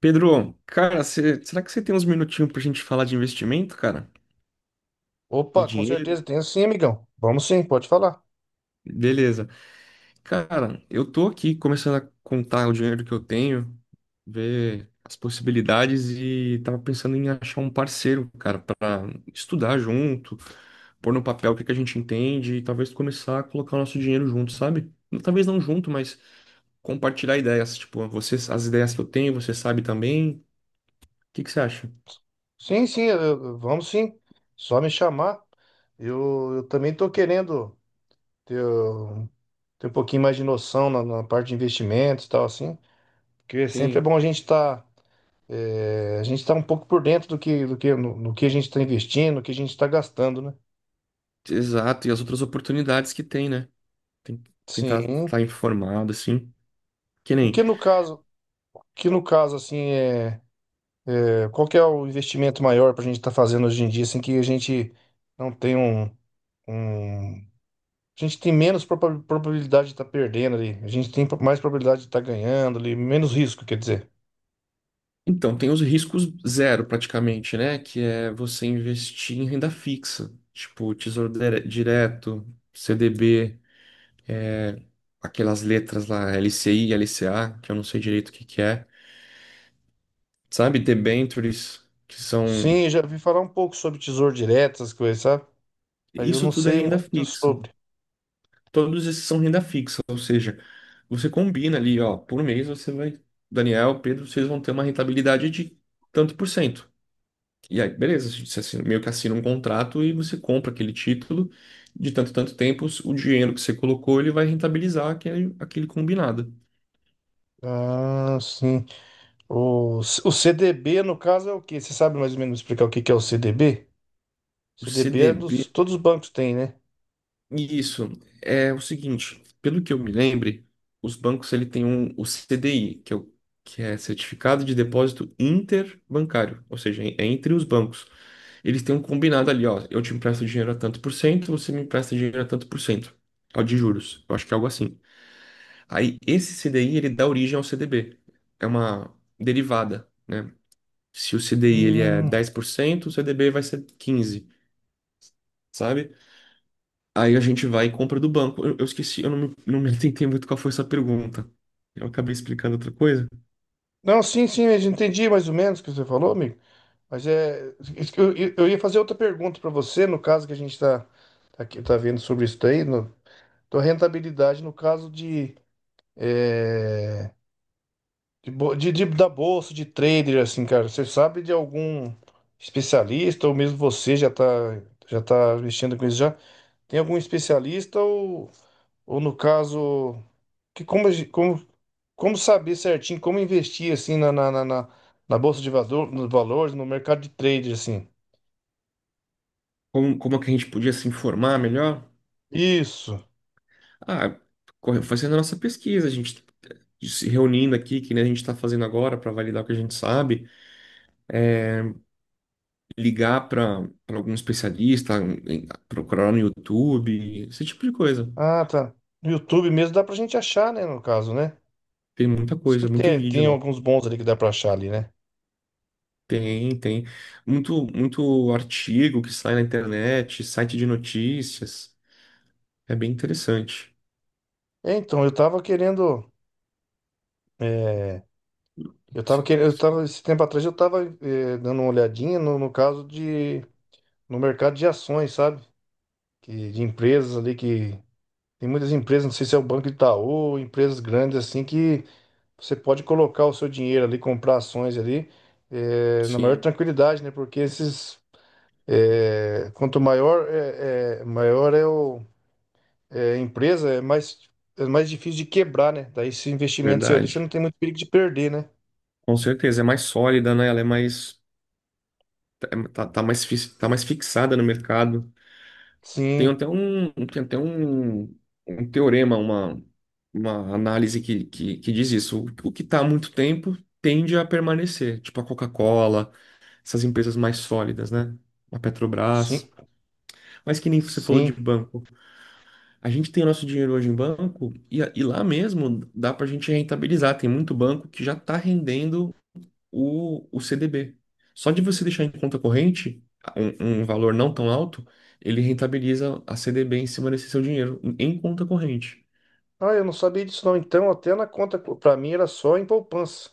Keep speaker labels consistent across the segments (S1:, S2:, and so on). S1: Pedro, cara, será que você tem uns minutinhos pra gente falar de investimento, cara? De
S2: Opa, com
S1: dinheiro?
S2: certeza, tenho sim, amigão. Vamos sim, pode falar.
S1: Beleza. Cara, eu tô aqui começando a contar o dinheiro que eu tenho, ver as possibilidades e tava pensando em achar um parceiro, cara, pra estudar junto, pôr no papel o que que a gente entende e talvez começar a colocar o nosso dinheiro junto, sabe? Talvez não junto, mas compartilhar ideias, tipo, você, as ideias que eu tenho, você sabe também. O que que você acha?
S2: Sim, sim, vamos sim. Só me chamar. Eu também tô querendo ter, ter um pouquinho mais de noção na parte de investimentos e tal, assim. Porque sempre é
S1: Sim,
S2: bom a gente estar a gente tá um pouco por dentro do que, no que a gente está investindo, no que a gente está gastando, né?
S1: exato, e as outras oportunidades que tem, né? Tem- tentar
S2: Sim.
S1: estar informado, assim. Que
S2: O
S1: nem.
S2: que no caso, assim, qual que é o investimento maior para a gente estar fazendo hoje em dia, assim, que a gente não tem um. um- A gente tem menos probabilidade de estar perdendo ali. A gente tem mais probabilidade de estar ganhando ali, menos risco, quer dizer.
S1: Então, tem os riscos zero, praticamente, né? Que é você investir em renda fixa, tipo Direto, CDB, aquelas letras lá, LCI, LCA, que eu não sei direito o que que é. Sabe? Debentures, que são.
S2: Sim, eu já vi falar um pouco sobre tesouro direto, essas coisas, sabe? Mas eu
S1: Isso
S2: não
S1: tudo é
S2: sei
S1: renda
S2: muito
S1: fixa.
S2: sobre.
S1: Todos esses são renda fixa, ou seja, você combina ali, ó, por mês você vai. Daniel, Pedro, vocês vão ter uma rentabilidade de tanto por cento. E aí, beleza, meio que assina um contrato e você compra aquele título. De tanto, tanto tempo, o dinheiro que você colocou, ele vai rentabilizar aquele combinado.
S2: Ah, sim. O CDB, no caso, é o quê? Você sabe mais ou menos explicar o que que é o CDB?
S1: O
S2: CDB é dos,
S1: CDB,
S2: todos os bancos têm, né?
S1: isso, é o seguinte, pelo que eu me lembre, os bancos, ele tem um, o CDI, que é Certificado de Depósito Interbancário, ou seja, é entre os bancos. Eles têm um combinado ali, ó, eu te empresto dinheiro a tanto por cento, você me empresta dinheiro a tanto por cento, ó, de juros. Eu acho que é algo assim. Aí esse CDI ele dá origem ao CDB. É uma derivada, né? Se o CDI ele é
S2: Hum,
S1: 10%, o CDB vai ser 15, sabe? Aí a gente vai e compra do banco. Eu esqueci, eu não me atentei muito qual foi essa pergunta. Eu acabei explicando outra coisa.
S2: não, sim, sim, eu já entendi mais ou menos o que você falou, amigo. Mas é. Eu, eu ia fazer outra pergunta para você, no caso que a gente está. Tá, aqui tá vendo sobre isso daí, no, tua rentabilidade no caso de, eh, de, da bolsa, de trader, assim, cara. Você sabe de algum especialista, ou mesmo você já tá mexendo com isso já? Tem algum especialista ou no caso, que como, como saber certinho, como investir, assim, na bolsa de valor, nos valores, no mercado de trader, assim?
S1: Como é que a gente podia se informar melhor?
S2: Isso.
S1: Ah, fazendo a nossa pesquisa, a gente se reunindo aqui, que nem a gente está fazendo agora para validar o que a gente sabe, ligar para algum especialista, procurar no YouTube, esse tipo de coisa.
S2: Ah, tá. No YouTube mesmo dá pra gente achar, né, no caso, né?
S1: Tem muita coisa,
S2: Sempre
S1: muito
S2: tem,
S1: vídeo
S2: tem
S1: lá.
S2: alguns bons ali que dá pra achar ali, né?
S1: Tem, tem. Muito artigo que sai na internet, site de notícias. É bem interessante.
S2: É, então, eu tava querendo. é, eu tava
S1: Sim,
S2: querendo. Eu tava, esse tempo atrás eu tava dando uma olhadinha no, no caso de. No mercado de ações, sabe? Que, de empresas ali que. Tem muitas empresas, não sei se é o Banco Itaú, empresas grandes assim, que você pode colocar o seu dinheiro ali, comprar ações ali, na maior
S1: sim,
S2: tranquilidade, né? Porque esses. Quanto maior é, maior é o, é a empresa, é mais difícil de quebrar, né? Daí esse investimento seu ali, você não
S1: verdade.
S2: tem muito perigo de perder, né?
S1: Com certeza, é mais sólida, né? Ela é mais, tá mais fixada no mercado. Tem
S2: Sim,
S1: até um, tem até um, um teorema, uma análise que diz isso. O que está há muito tempo tende a permanecer, tipo a Coca-Cola, essas empresas mais sólidas, né? A
S2: sim,
S1: Petrobras. Mas que nem você falou de
S2: sim.
S1: banco. A gente tem o nosso dinheiro hoje em banco e lá mesmo dá para a gente rentabilizar. Tem muito banco que já está rendendo o CDB. Só de você deixar em conta corrente um valor não tão alto, ele rentabiliza a CDB em cima desse seu dinheiro, em conta corrente.
S2: Ah, eu não sabia disso não. Então, até na conta, para mim era só em poupança.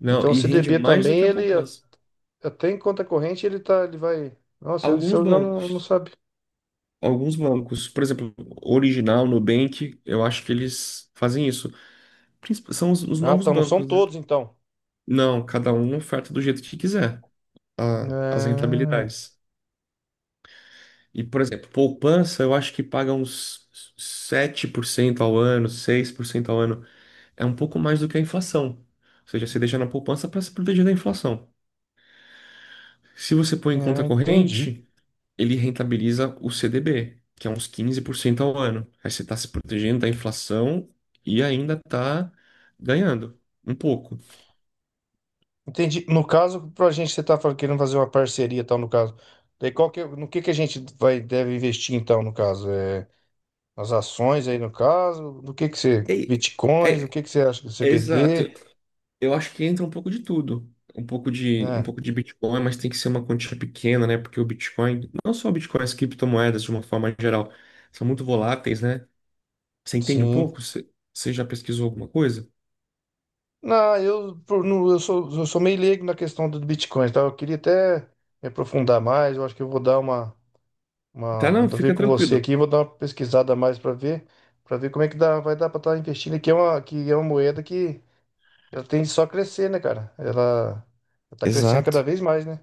S1: Não,
S2: Então, o
S1: e rende
S2: CDB
S1: mais do
S2: também,
S1: que a poupança.
S2: até em conta corrente ele tá, ele vai. Nossa, ele
S1: Alguns
S2: eu já não,
S1: bancos,
S2: não sabe.
S1: alguns bancos, por exemplo, Original, Nubank, eu acho que eles fazem isso. São os
S2: Ah,
S1: novos
S2: tá, não são
S1: bancos, né?
S2: todos então.
S1: Não, cada um oferta do jeito que quiser as
S2: É,
S1: rentabilidades. E, por exemplo, poupança, eu acho que paga uns 7% ao ano, 6% ao ano. É um pouco mais do que a inflação. Ou seja, você deixa na poupança para se proteger da inflação. Se você põe em
S2: é,
S1: conta
S2: entendi.
S1: corrente, ele rentabiliza o CDB, que é uns 15% ao ano. Aí você está se protegendo da inflação e ainda está ganhando um pouco.
S2: Entendi. No caso, pra gente você tá falando- querendo fazer uma parceria, e tal, no caso. Daí qual que, no que a gente vai deve investir então, no caso? É, nas ações aí no caso, no que você,
S1: É,
S2: bitcoins, o
S1: é-
S2: que que você acha do
S1: é
S2: CBD?
S1: exato. Eu acho que entra um pouco de tudo. Um pouco de Bitcoin, mas tem que ser uma quantia pequena, né? Porque o Bitcoin, não só o Bitcoin, as criptomoedas de uma forma geral, são muito voláteis, né? Você entende um
S2: Sim.
S1: pouco? Você já pesquisou alguma coisa?
S2: Não, não, eu sou meio leigo na questão do Bitcoin, tá? Eu queria até me aprofundar mais. Eu acho que eu vou dar
S1: Tá,
S2: uma, vou
S1: não,
S2: ver
S1: fica
S2: com você
S1: tranquilo.
S2: aqui, vou dar uma pesquisada a mais para ver como é que dá, vai dar para estar investindo que é uma moeda que ela tem só crescer, né, cara? Ela está crescendo cada
S1: Exato,
S2: vez mais, né?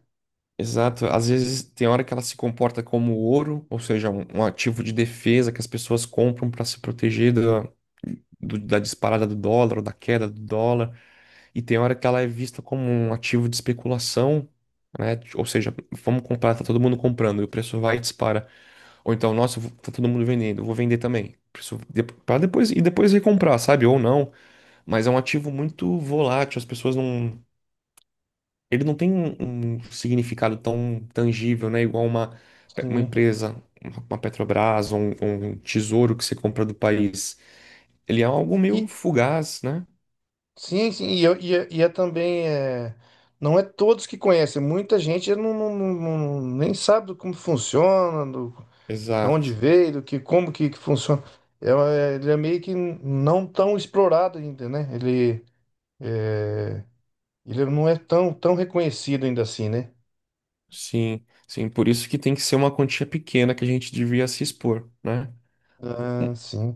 S1: exato. Às vezes tem hora que ela se comporta como ouro, ou seja, um ativo de defesa que as pessoas compram para se proteger da disparada do dólar ou da queda do dólar. E tem hora que ela é vista como um ativo de especulação, né? Ou seja, vamos comprar, tá todo mundo comprando e o preço vai e dispara. Ou então, nossa, tá todo mundo vendendo, eu vou vender também. Pra depois e depois recomprar, sabe? Ou não. Mas é um ativo muito volátil, as pessoas não. Ele não tem um significado tão tangível, né? Igual uma
S2: Sim.
S1: empresa, uma Petrobras, um tesouro que você compra do país. Ele é algo meio
S2: E
S1: fugaz, né?
S2: sim, sim, e é também é, não é todos que conhecem. Muita gente nem sabe do como funciona, de onde
S1: Exato.
S2: veio, do que como que funciona. É, é, ele é meio que não tão explorado ainda, né? Ele, é, ele não é tão, tão reconhecido ainda assim, né?
S1: Sim, sim, por isso que tem que ser uma quantia pequena que a gente devia se expor, né? Um-
S2: Ah, sim.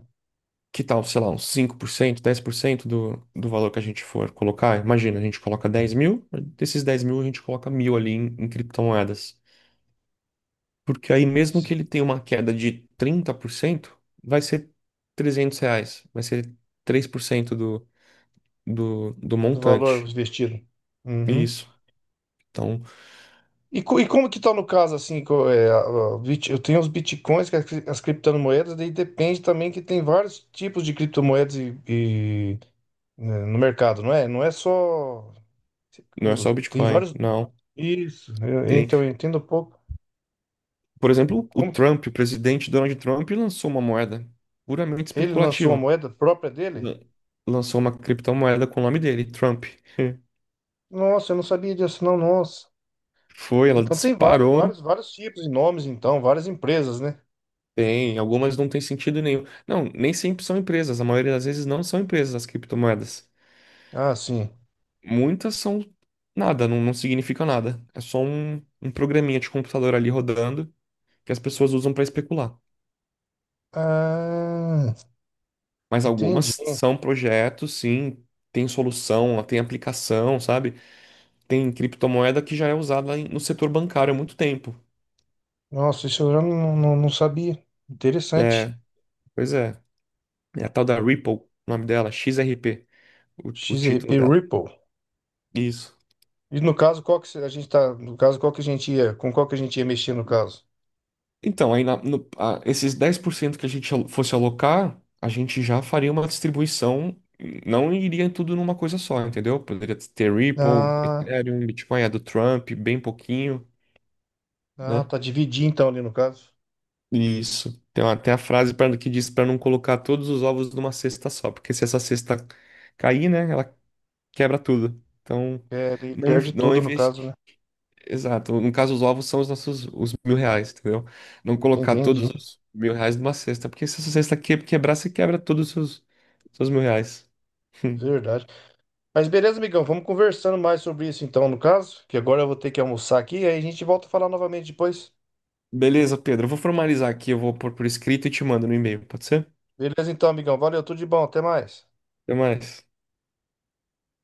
S1: Que tal, sei lá, uns 5% 10% do valor que a gente for colocar? Imagina, a gente coloca 10 mil, desses 10 mil a gente coloca mil ali em criptomoedas. Porque aí mesmo que
S2: Sim.
S1: ele tenha uma queda de 30% vai ser R$ 300, vai ser 3% do
S2: Do valor
S1: montante.
S2: investido. Uhum.
S1: Isso. Então,
S2: E, e como que tá no caso, assim, eu tenho os bitcoins, que é as criptomoedas, daí depende também que tem vários tipos de criptomoedas e, né, no mercado, não é? Não é só...
S1: não é só o
S2: Tem
S1: Bitcoin,
S2: vários...
S1: não.
S2: Isso,
S1: Tem.
S2: então eu entendo um pouco.
S1: Por exemplo, o
S2: Como que
S1: Trump, o presidente Donald Trump, lançou uma moeda puramente
S2: ele lançou uma
S1: especulativa.
S2: moeda própria dele?
S1: Lan- Lançou uma criptomoeda com o nome dele, Trump.
S2: Nossa, eu não sabia disso, não, nossa.
S1: Foi, ela
S2: Então tem vários,
S1: disparou.
S2: vários, vários tipos e nomes, então, várias empresas, né?
S1: Tem, algumas não tem sentido nenhum. Não, nem sempre são empresas. A maioria das vezes não são empresas as criptomoedas.
S2: Ah, sim.
S1: Muitas são nada, não significa nada. É só um programinha de computador ali rodando que as pessoas usam para especular.
S2: Ah,
S1: Mas algumas
S2: entendi.
S1: são projetos, sim, tem solução, tem aplicação, sabe? Tem criptomoeda que já é usada no setor bancário há muito tempo.
S2: Nossa, isso eu já não, não, não sabia. Interessante.
S1: É, pois é. É a tal da Ripple, o nome dela, XRP, o título
S2: XRP
S1: dela.
S2: Ripple.
S1: Isso.
S2: E no caso, qual que se- a gente tá, no caso, qual que a gente ia, com qual que a gente ia mexer no caso?
S1: Então, aí na- no- a- esses 10% que a gente fosse alocar, a gente já faria uma distribuição, não iria tudo numa coisa só, entendeu? Poderia ter Ripple,
S2: Ah,
S1: Ethereum, Bitcoin, a do Trump, bem pouquinho,
S2: ah,
S1: né?
S2: tá dividir então ali no caso.
S1: Isso. Tem até a frase pra, que diz para não colocar todos os ovos numa cesta só, porque se essa cesta cair, né, ela quebra tudo. Então,
S2: É, ele perde
S1: não
S2: tudo no caso,
S1: investir.
S2: né?
S1: Exato. No caso, os ovos são os nossos os mil reais, entendeu? Não colocar
S2: Entendi.
S1: todos os mil reais numa cesta, porque se essa cesta quebrar, você quebra todos os seus mil reais.
S2: Verdade. Mas beleza, amigão, vamos conversando mais sobre isso então, no caso, que agora eu vou ter que almoçar aqui, aí a gente volta a falar novamente depois.
S1: Beleza, Pedro. Eu vou formalizar aqui, eu vou pôr por escrito e te mando no e-mail, pode ser?
S2: Beleza então, amigão, valeu, tudo de bom, até mais.
S1: Até mais.